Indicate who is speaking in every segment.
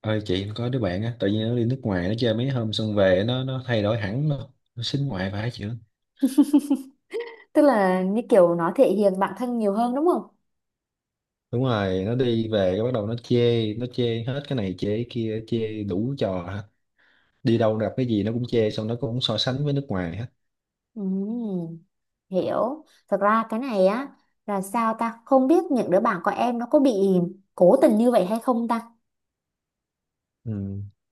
Speaker 1: Ơi chị, có đứa bạn á, tự nhiên nó đi nước ngoài, nó chơi mấy hôm xong về nó thay đổi hẳn luôn. Nó xính ngoại phải chị?
Speaker 2: Tức là như kiểu nó thể hiện bản thân nhiều hơn đúng không?
Speaker 1: Đúng rồi, nó đi về cái bắt đầu nó chê, nó chê hết, cái này chê, cái kia chê, đủ trò hết. Đi đâu gặp cái gì nó cũng chê, xong nó cũng so sánh với nước ngoài hết.
Speaker 2: Ừm, hiểu. Thật ra cái này á là sao ta không biết những đứa bạn của em nó có bị cố tình như vậy hay không ta?
Speaker 1: Ừ.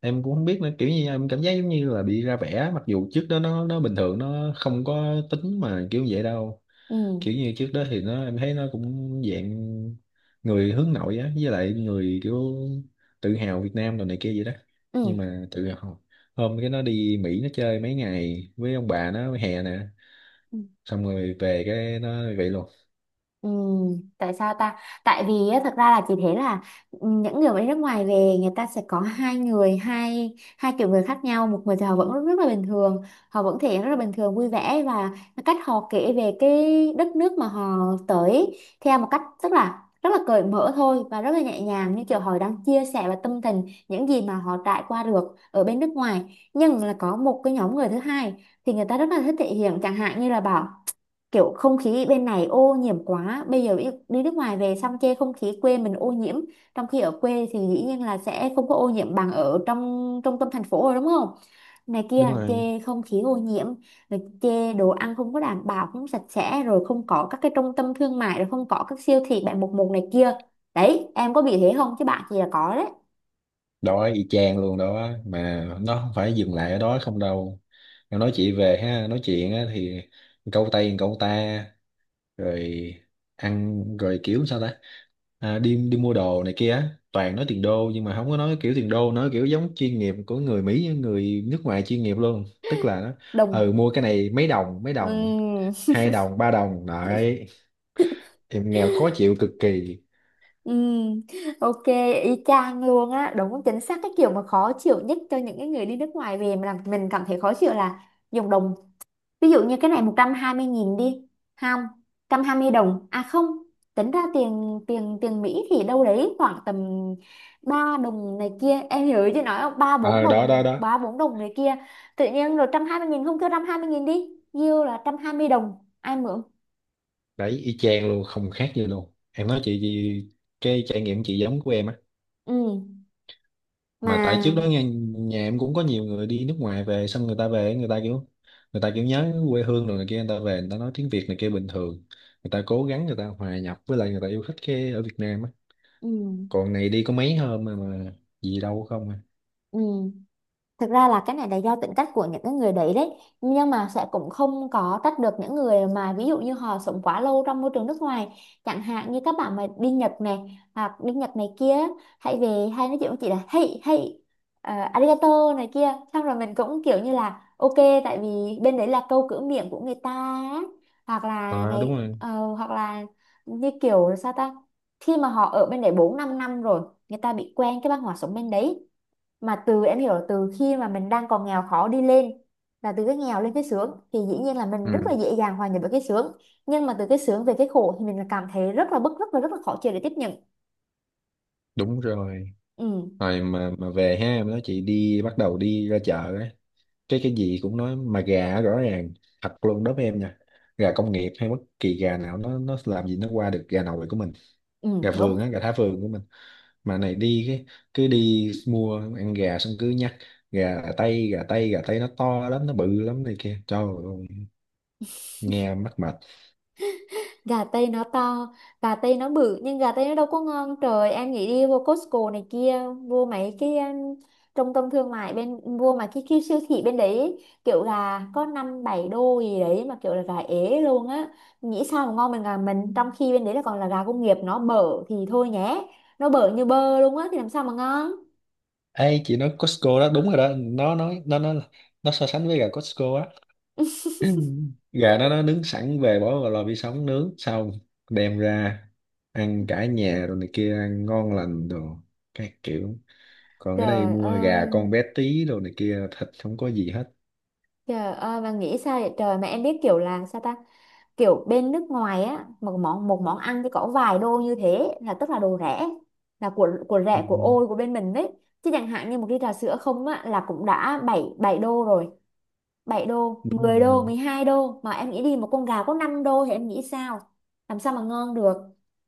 Speaker 1: Em cũng không biết nữa, kiểu như em cảm giác giống như là bị ra vẻ, mặc dù trước đó nó bình thường, nó không có tính mà kiểu vậy đâu.
Speaker 2: Ừ,
Speaker 1: Kiểu như trước đó thì nó, em thấy nó cũng dạng người hướng nội á, với lại người kiểu tự hào Việt Nam rồi này kia vậy đó. Nhưng
Speaker 2: ừ.
Speaker 1: mà tự hào, hôm cái nó đi Mỹ nó chơi mấy ngày với ông bà nó hè nè, xong rồi về cái nó vậy luôn.
Speaker 2: Ừ, tại sao ta? Tại vì á, thật ra là chị thấy là những người mà đi nước ngoài về người ta sẽ có hai người, hai hai kiểu người khác nhau. Một người thì họ vẫn rất, rất là bình thường, họ vẫn thể hiện rất là bình thường, vui vẻ và cái cách họ kể về cái đất nước mà họ tới theo một cách rất là cởi mở thôi và rất là nhẹ nhàng như kiểu họ đang chia sẻ và tâm tình những gì mà họ trải qua được ở bên nước ngoài. Nhưng là có một cái nhóm người thứ hai thì người ta rất là thích thể hiện chẳng hạn như là bảo kiểu không khí bên này ô nhiễm quá bây giờ đi nước ngoài về xong chê không khí quê mình ô nhiễm trong khi ở quê thì dĩ nhiên là sẽ không có ô nhiễm bằng ở trong trung tâm thành phố rồi đúng không, này
Speaker 1: Đúng
Speaker 2: kia
Speaker 1: rồi.
Speaker 2: chê không khí ô nhiễm, rồi chê đồ ăn không có đảm bảo, không sạch sẽ, rồi không có các cái trung tâm thương mại, rồi không có các siêu thị 7-Eleven này kia. Đấy em có bị thế không chứ bạn thì là có đấy.
Speaker 1: Đó y chang luôn đó, mà nó không phải dừng lại ở đó không đâu. Nó nói chị về ha, nói chuyện á thì câu tay câu ta, rồi ăn rồi kiểu sao ta, à, đi đi mua đồ này kia á toàn nói tiền đô, nhưng mà không có nói kiểu tiền đô, nói kiểu giống chuyên nghiệp của người Mỹ, người nước ngoài chuyên nghiệp luôn, tức là nó ừ
Speaker 2: Đồng.
Speaker 1: mua cái này mấy đồng mấy đồng,
Speaker 2: Ừm.
Speaker 1: hai đồng ba đồng đấy. Em nghèo khó chịu cực kỳ.
Speaker 2: Ừ, ok, y chang luôn á, đúng chính xác cái kiểu mà khó chịu nhất cho những cái người đi nước ngoài về mà làm mình cảm thấy khó chịu là dùng đồng. Ví dụ như cái này 120.000 đi, không, 120 đồng, à không, tính ra tiền tiền tiền Mỹ thì đâu đấy khoảng tầm 3 đồng này kia, em hiểu chứ nói không, 3 4
Speaker 1: Ờ đó đó
Speaker 2: đồng,
Speaker 1: đó,
Speaker 2: 3 4 đồng này kia. Tự nhiên rồi 120.000 không kêu 120.000 đi, nhiêu là 120 đồng, ai mượn?
Speaker 1: đấy y chang luôn, không khác gì luôn. Em nói cái trải nghiệm chị giống của em á,
Speaker 2: Ừ,
Speaker 1: mà tại trước đó
Speaker 2: mà
Speaker 1: nhà em cũng có nhiều người đi nước ngoài về, xong người ta về người ta kiểu, người ta kiểu nhớ quê hương rồi này kia, người ta về người ta nói tiếng Việt này kia bình thường, người ta cố gắng người ta hòa nhập, với lại người ta yêu thích cái ở Việt Nam á.
Speaker 2: ừ,
Speaker 1: Còn này đi có mấy hôm mà gì đâu không à.
Speaker 2: ừ. Thực ra là cái này là do tính cách của những cái người đấy đấy nhưng mà sẽ cũng không có trách được những người mà ví dụ như họ sống quá lâu trong môi trường nước ngoài, chẳng hạn như các bạn mà đi Nhật này hoặc đi Nhật này kia hay về hay nói chuyện với chị là hey hey, arigato này kia, xong rồi mình cũng kiểu như là ok, tại vì bên đấy là câu cửa miệng của người ta á. Hoặc là
Speaker 1: À đúng
Speaker 2: ngày
Speaker 1: rồi.
Speaker 2: hoặc là như kiểu là sao ta, khi mà họ ở bên đấy 4 5 năm rồi người ta bị quen cái văn hóa sống bên đấy. Mà từ em hiểu là từ khi mà mình đang còn nghèo khó đi lên, là từ cái nghèo lên cái sướng thì dĩ nhiên là mình rất là
Speaker 1: Ừ
Speaker 2: dễ dàng hòa nhập với cái sướng, nhưng mà từ cái sướng về cái khổ thì mình là cảm thấy rất là bức, rất là khó chịu để tiếp nhận.
Speaker 1: đúng rồi.
Speaker 2: Ừ,
Speaker 1: Rồi mà về ha, em nói chị đi, bắt đầu đi ra chợ á, cái gì cũng nói, mà gà rõ ràng, thật luôn đối với em nha, gà công nghiệp hay bất kỳ gà nào nó làm gì nó qua được gà nội của mình,
Speaker 2: ừ,
Speaker 1: gà vườn
Speaker 2: đúng.
Speaker 1: á, gà thả vườn của mình. Mà này đi cái cứ đi mua ăn gà xong cứ nhắc gà tây, gà tây, gà tây nó to lắm, nó bự lắm này kia. Trời ơi, nghe mắc mệt.
Speaker 2: Gà tây nó to, gà tây nó bự, nhưng gà tây nó đâu có ngon trời. Em nghĩ đi vô Costco này kia, vô mấy cái trung tâm thương mại bên vô mà cái siêu thị bên đấy ấy, kiểu gà có 5 7 đô gì đấy mà kiểu là gà ế luôn á. Nghĩ sao mà ngon bằng gà mình, trong khi bên đấy là còn là gà công nghiệp, nó bở thì thôi nhé, nó bở như bơ luôn á thì làm sao mà ngon.
Speaker 1: Ê chị nói Costco đó đúng rồi đó, nó nói nó nó so sánh với gà Costco á. Gà đó nó nướng sẵn, về bỏ vào lò vi sóng nướng xong đem ra ăn cả nhà rồi này kia, ăn ngon lành đồ các kiểu. Còn ở đây
Speaker 2: Trời
Speaker 1: mua gà
Speaker 2: ơi,
Speaker 1: con bé tí đồ này kia, thịt không có gì hết.
Speaker 2: trời ơi, mà nghĩ sao vậy trời. Mà em biết kiểu là sao ta, kiểu bên nước ngoài á, một món ăn thì có vài đô như thế là tức là đồ rẻ, là của
Speaker 1: Ừ,
Speaker 2: rẻ, của ôi của bên mình đấy chứ. Chẳng hạn như một ly trà sữa không á là cũng đã 7 7 đô rồi, 7 đô,
Speaker 1: đúng rồi.
Speaker 2: 10 đô, 12 đô, mà em nghĩ đi một con gà có 5 đô thì em nghĩ sao? Làm sao mà ngon được?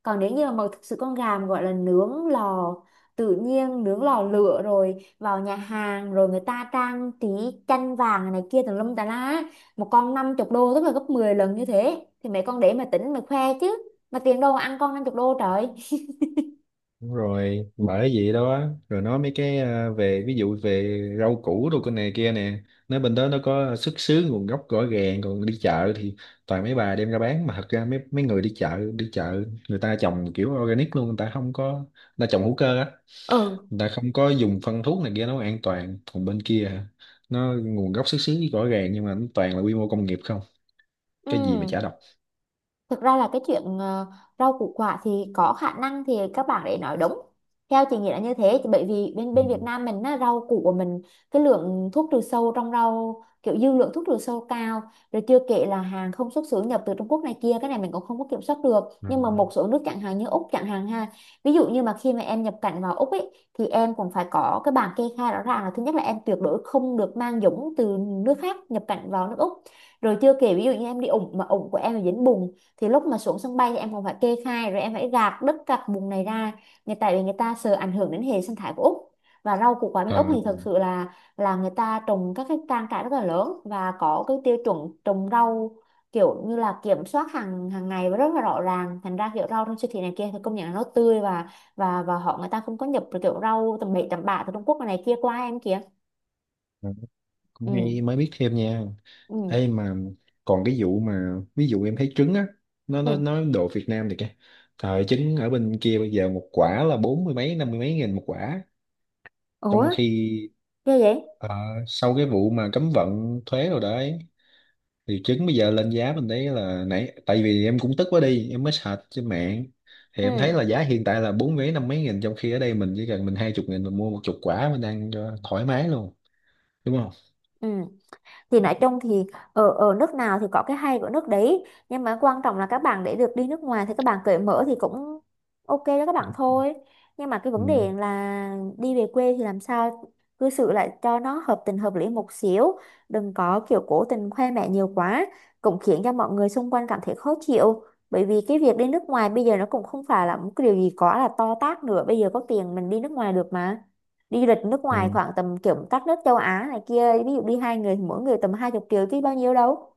Speaker 2: Còn nếu như mà thực sự con gà mà gọi là nướng lò tự nhiên, nướng lò lửa rồi vào nhà hàng rồi người ta trang trí chanh vàng này kia tùm lum tà lá, một con 50 đô, tức là gấp 10 lần như thế thì mấy con để mà tính mà khoe chứ. Mà tiền đâu mà ăn con 50 đô trời.
Speaker 1: Đúng rồi, bởi vậy đó. Rồi nói mấy cái, à, về ví dụ về rau củ đồ con này kia nè, nói bên đó nó có xuất xứ nguồn gốc rõ ràng, còn đi chợ thì toàn mấy bà đem ra bán, mà thật ra mấy mấy người đi chợ, người ta trồng kiểu organic luôn, người ta không có, người ta trồng hữu cơ á,
Speaker 2: Ừ,
Speaker 1: người ta không có dùng phân thuốc này kia, nó an toàn. Còn bên kia hả, nó nguồn gốc xuất xứ rõ ràng nhưng mà nó toàn là quy mô công nghiệp không,
Speaker 2: ừ.
Speaker 1: cái gì mà chả độc.
Speaker 2: Thực ra là cái chuyện rau củ quả thì có khả năng thì các bạn để nói đúng. Theo chị nghĩ là như thế. Thì bởi vì bên
Speaker 1: Ừ.
Speaker 2: bên Việt Nam mình á, rau củ của mình, cái lượng thuốc trừ sâu trong rau, kiểu dư lượng thuốc trừ sâu cao, rồi chưa kể là hàng không xuất xứ nhập từ Trung Quốc này kia, cái này mình cũng không có kiểm soát được.
Speaker 1: Ừ.
Speaker 2: Nhưng mà một số nước chẳng hạn như Úc chẳng hạn ha, ví dụ như mà khi mà em nhập cảnh vào Úc ấy, thì em cũng phải có cái bảng kê khai rõ ràng, là thứ nhất là em tuyệt đối không được mang dũng từ nước khác nhập cảnh vào nước Úc. Rồi chưa kể ví dụ như em đi ủng mà ủng của em là dính bùn, thì lúc mà xuống sân bay thì em còn phải kê khai, rồi em phải gạt đất gạt bùn này ra, người tại vì người ta sợ ảnh hưởng đến hệ sinh thái của Úc. Và rau củ quả bên Úc thì thực sự là người ta trồng các cái trang trại rất là lớn và có cái tiêu chuẩn trồng rau kiểu như là kiểm soát hàng hàng ngày và rất là rõ ràng, thành ra kiểu rau trong siêu thị này kia thì công nhận là nó tươi, và và họ người ta không có nhập được kiểu rau tầm bậy tầm bạ từ Trung Quốc này kia qua em kìa.
Speaker 1: Ờ, cũng
Speaker 2: Ừ,
Speaker 1: hay, mới biết thêm nha.
Speaker 2: ừ,
Speaker 1: Ê mà còn cái vụ mà ví dụ em thấy trứng á, nó nó
Speaker 2: ừ.
Speaker 1: nó đồ Việt Nam thì cái thời trứng ở bên kia bây giờ một quả là bốn mươi mấy năm mươi mấy nghìn một quả,
Speaker 2: Ủa,
Speaker 1: trong khi
Speaker 2: ghê vậy.
Speaker 1: ờ, sau cái vụ mà cấm vận thuế rồi đấy, thì trứng bây giờ lên giá, mình thấy là nãy tại vì em cũng tức quá đi em mới search trên mạng, thì em
Speaker 2: Ừ,
Speaker 1: thấy là giá hiện tại là bốn mấy năm mấy nghìn, trong khi ở đây mình chỉ cần mình hai chục nghìn mình mua một chục quả mình ăn cho thoải mái luôn, đúng không?
Speaker 2: ừ, thì nói chung thì ở ở nước nào thì có cái hay của nước đấy, nhưng mà quan trọng là các bạn để được đi nước ngoài thì các bạn cởi mở thì cũng ok đó các bạn thôi. Nhưng mà cái
Speaker 1: Ừ,
Speaker 2: vấn đề là đi về quê thì làm sao cư xử lại cho nó hợp tình hợp lý một xíu, đừng có kiểu cố tình khoe mẽ nhiều quá, cũng khiến cho mọi người xung quanh cảm thấy khó chịu. Bởi vì cái việc đi nước ngoài bây giờ nó cũng không phải là một cái điều gì quá là to tát nữa, bây giờ có tiền mình đi nước ngoài được mà. Đi du lịch nước ngoài
Speaker 1: ừ,
Speaker 2: khoảng tầm kiểu các nước châu Á này kia, ví dụ đi hai người mỗi người tầm 20 triệu chứ bao nhiêu đâu.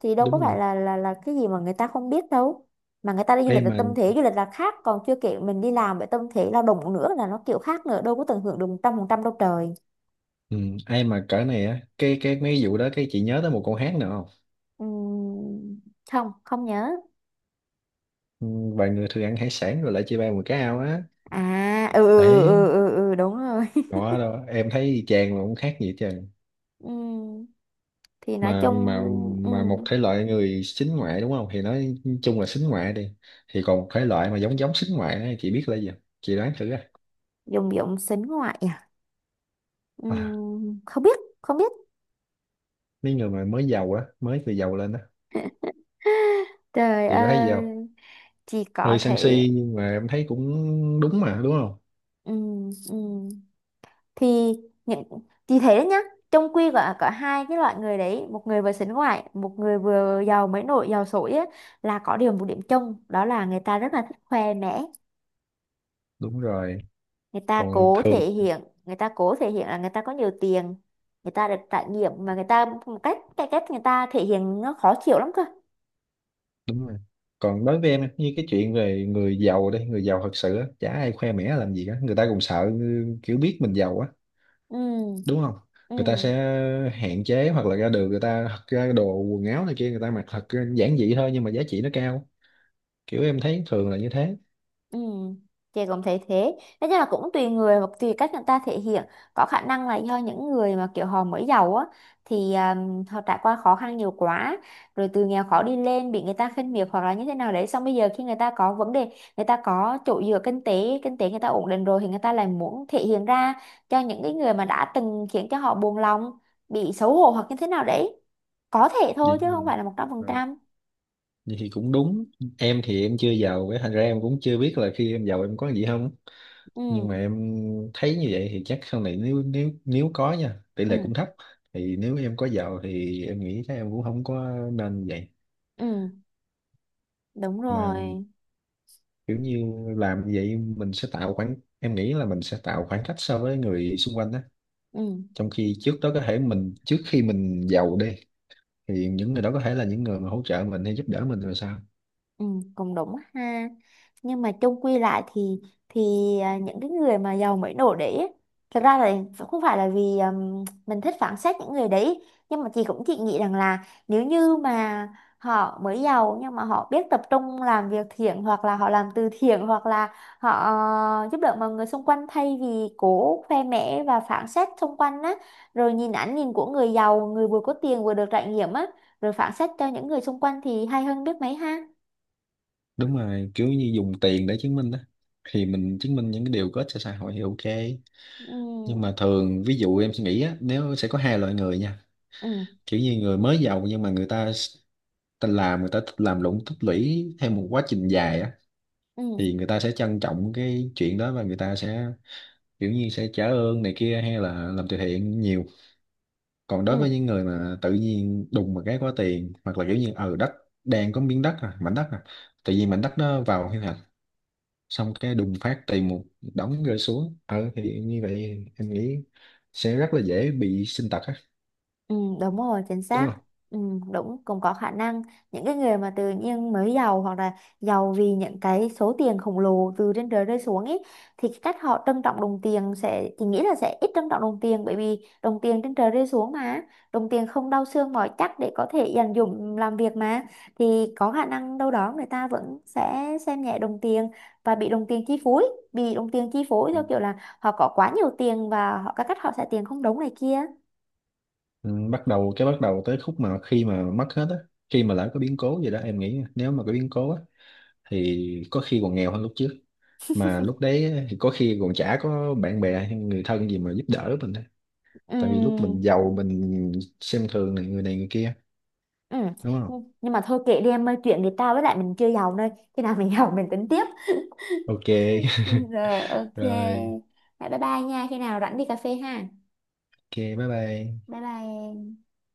Speaker 2: Thì đâu có
Speaker 1: đúng rồi.
Speaker 2: phải là là cái gì mà người ta không biết đâu. Mà người ta đi du lịch
Speaker 1: Em
Speaker 2: là
Speaker 1: mà,
Speaker 2: tâm thế du lịch là khác, còn chưa kể mình đi làm với tâm thế lao động nữa là nó kiểu khác nữa, đâu có tận hưởng được một trăm phần trăm đâu trời.
Speaker 1: ừ, ai mà cỡ này á, cái mấy vụ đó cái chị nhớ tới một con hát nữa không?
Speaker 2: Ừm, không không nhớ.
Speaker 1: Ừ, vài người thường ăn hải sản rồi lại chia ba một cái ao á.
Speaker 2: À ừ ừ ừ
Speaker 1: Đấy
Speaker 2: ừ, ừ ừ, đúng rồi.
Speaker 1: đó đâu, em thấy chàng mà cũng khác gì chứ.
Speaker 2: Ừm, thì nói
Speaker 1: mà
Speaker 2: chung.
Speaker 1: mà mà một
Speaker 2: ừm,
Speaker 1: thể loại người xính ngoại đúng không, thì nói chung là xính ngoại đi, thì còn một thể loại mà giống giống xính ngoại á, chị biết là gì không? Chị đoán thử á.
Speaker 2: Dùng dụng sính ngoại à.
Speaker 1: À,
Speaker 2: Không biết không biết.
Speaker 1: mấy người mà mới giàu á, mới từ giàu lên á.
Speaker 2: Trời
Speaker 1: Chị có thấy gì không?
Speaker 2: ơi, chỉ có
Speaker 1: Hơi sân
Speaker 2: thế.
Speaker 1: si nhưng mà em thấy cũng đúng mà, đúng không?
Speaker 2: Ừ, ừ. Thì những, thì thấy đấy nhá, trong quy có hai cái loại người đấy, một người vừa sánh ngoại, một người vừa giàu mới nổi giàu sổi á, là có điều một điểm chung đó là người ta rất là thích khoe mẽ.
Speaker 1: Đúng rồi.
Speaker 2: Người ta
Speaker 1: Còn
Speaker 2: cố
Speaker 1: thường,
Speaker 2: thể hiện người ta cố thể hiện là người ta có nhiều tiền, người ta được trải nghiệm, mà người ta một cách, cái cách người ta thể hiện nó khó chịu lắm cơ.
Speaker 1: đúng rồi, còn đối với em như cái chuyện về người giàu, đây người giàu thật sự á chả ai khoe mẽ làm gì cả, người ta cũng sợ, ừ, kiểu biết mình giàu á,
Speaker 2: Ừ,
Speaker 1: đúng không,
Speaker 2: ừ.
Speaker 1: người ta sẽ hạn chế, hoặc là ra đường người ta thật ra đồ quần áo này kia người ta mặc thật giản dị thôi, nhưng mà giá trị nó cao. Kiểu em thấy thường là như thế.
Speaker 2: Ừ, chị cũng thấy thế. Nói chung là cũng tùy người và tùy cách người ta thể hiện. Có khả năng là do những người mà kiểu họ mới giàu á, thì họ trải qua khó khăn nhiều quá, rồi từ nghèo khó đi lên bị người ta khinh miệt hoặc là như thế nào đấy. Xong bây giờ khi người ta có vấn đề, người ta có chỗ dựa kinh tế người ta ổn định rồi thì người ta lại muốn thể hiện ra cho những cái người mà đã từng khiến cho họ buồn lòng, bị xấu hổ hoặc như thế nào đấy. Có thể thôi
Speaker 1: Vậy
Speaker 2: chứ không
Speaker 1: thì,
Speaker 2: phải là
Speaker 1: ờ,
Speaker 2: 100%.
Speaker 1: vậy thì cũng đúng. Em thì em chưa giàu, cái thành ra em cũng chưa biết là khi em giàu em có gì không, nhưng
Speaker 2: Ừ,
Speaker 1: mà em thấy như vậy thì chắc sau này nếu nếu nếu có nha, tỷ lệ
Speaker 2: ừ,
Speaker 1: cũng thấp, thì nếu em có giàu thì em nghĩ chắc em cũng không có nên như vậy.
Speaker 2: ừ, đúng
Speaker 1: Mà
Speaker 2: rồi.
Speaker 1: kiểu như làm như vậy mình sẽ tạo khoảng, em nghĩ là mình sẽ tạo khoảng cách so với người xung quanh đó,
Speaker 2: Ừ.
Speaker 1: trong khi trước đó có thể mình, trước khi mình giàu đi, thì những người đó có thể là những người mà hỗ trợ mình hay giúp đỡ mình rồi sao.
Speaker 2: Ừ, cũng đúng ha. Nhưng mà chung quy lại thì à, những cái người mà giàu mới nổi đấy ấy, thật ra là không phải là vì mình thích phán xét những người đấy, nhưng mà chị nghĩ rằng là nếu như mà họ mới giàu nhưng mà họ biết tập trung làm việc thiện, hoặc là họ làm từ thiện, hoặc là họ giúp đỡ mọi người xung quanh thay vì cố khoe mẽ và phán xét xung quanh á, rồi nhìn ánh nhìn của người giàu, người vừa có tiền vừa được trải nghiệm á, rồi phán xét cho những người xung quanh, thì hay hơn biết mấy ha.
Speaker 1: Đúng rồi, kiểu như dùng tiền để chứng minh đó, thì mình chứng minh những cái điều có ích cho xã hội thì ok. Nhưng mà
Speaker 2: Ừ,
Speaker 1: thường ví dụ em suy nghĩ á, nếu sẽ có hai loại người nha,
Speaker 2: ừ,
Speaker 1: kiểu như người mới giàu nhưng mà ta làm, người ta thích làm lụng tích lũy theo một quá trình dài á,
Speaker 2: ừ,
Speaker 1: thì người ta sẽ trân trọng cái chuyện đó và người ta sẽ kiểu như sẽ trả ơn này kia hay là làm từ thiện nhiều. Còn
Speaker 2: ừ.
Speaker 1: đối với những người mà tự nhiên đùng một cái có tiền, hoặc là kiểu như ở đất, đang có miếng đất à, mảnh đất à, tự nhiên mảnh đất nó vào quy hoạch, xong cái đùng phát tiền một đống rơi xuống, ờ thì như vậy em nghĩ sẽ rất là dễ bị sinh tật á,
Speaker 2: Ừ, đúng rồi, chính
Speaker 1: đúng
Speaker 2: xác.
Speaker 1: không?
Speaker 2: Ừ, đúng, cũng có khả năng những cái người mà tự nhiên mới giàu, hoặc là giàu vì những cái số tiền khổng lồ từ trên trời rơi xuống ấy, thì cái cách họ trân trọng đồng tiền sẽ, thì nghĩ là sẽ ít trân trọng đồng tiền, bởi vì đồng tiền trên trời rơi xuống mà, đồng tiền không đau xương mỏi chắc để có thể dành dụm làm việc mà. Thì có khả năng đâu đó người ta vẫn sẽ xem nhẹ đồng tiền và bị đồng tiền chi phối theo kiểu là họ có quá nhiều tiền và họ các cách họ xài tiền không đúng này kia.
Speaker 1: Ừ, bắt đầu tới khúc mà khi mà mất hết á, khi mà lỡ có biến cố gì đó, em nghĩ nếu mà có biến cố á thì có khi còn nghèo hơn lúc trước, mà lúc đấy thì có khi còn chả có bạn bè hay người thân gì mà giúp đỡ mình á.
Speaker 2: Ừ.
Speaker 1: Tại vì lúc mình giàu mình xem thường này, người này người kia,
Speaker 2: Ừ.
Speaker 1: đúng không?
Speaker 2: Nhưng mà thôi kệ đi em ơi, chuyện thì tao với lại mình chưa giàu nơi, khi nào mình giàu mình tính tiếp.
Speaker 1: Ok.
Speaker 2: Rồi ok.
Speaker 1: Rồi,
Speaker 2: Rồi, bye bye nha. Khi nào rảnh đi cà phê ha.
Speaker 1: ok, bye bye.
Speaker 2: Bye bye em.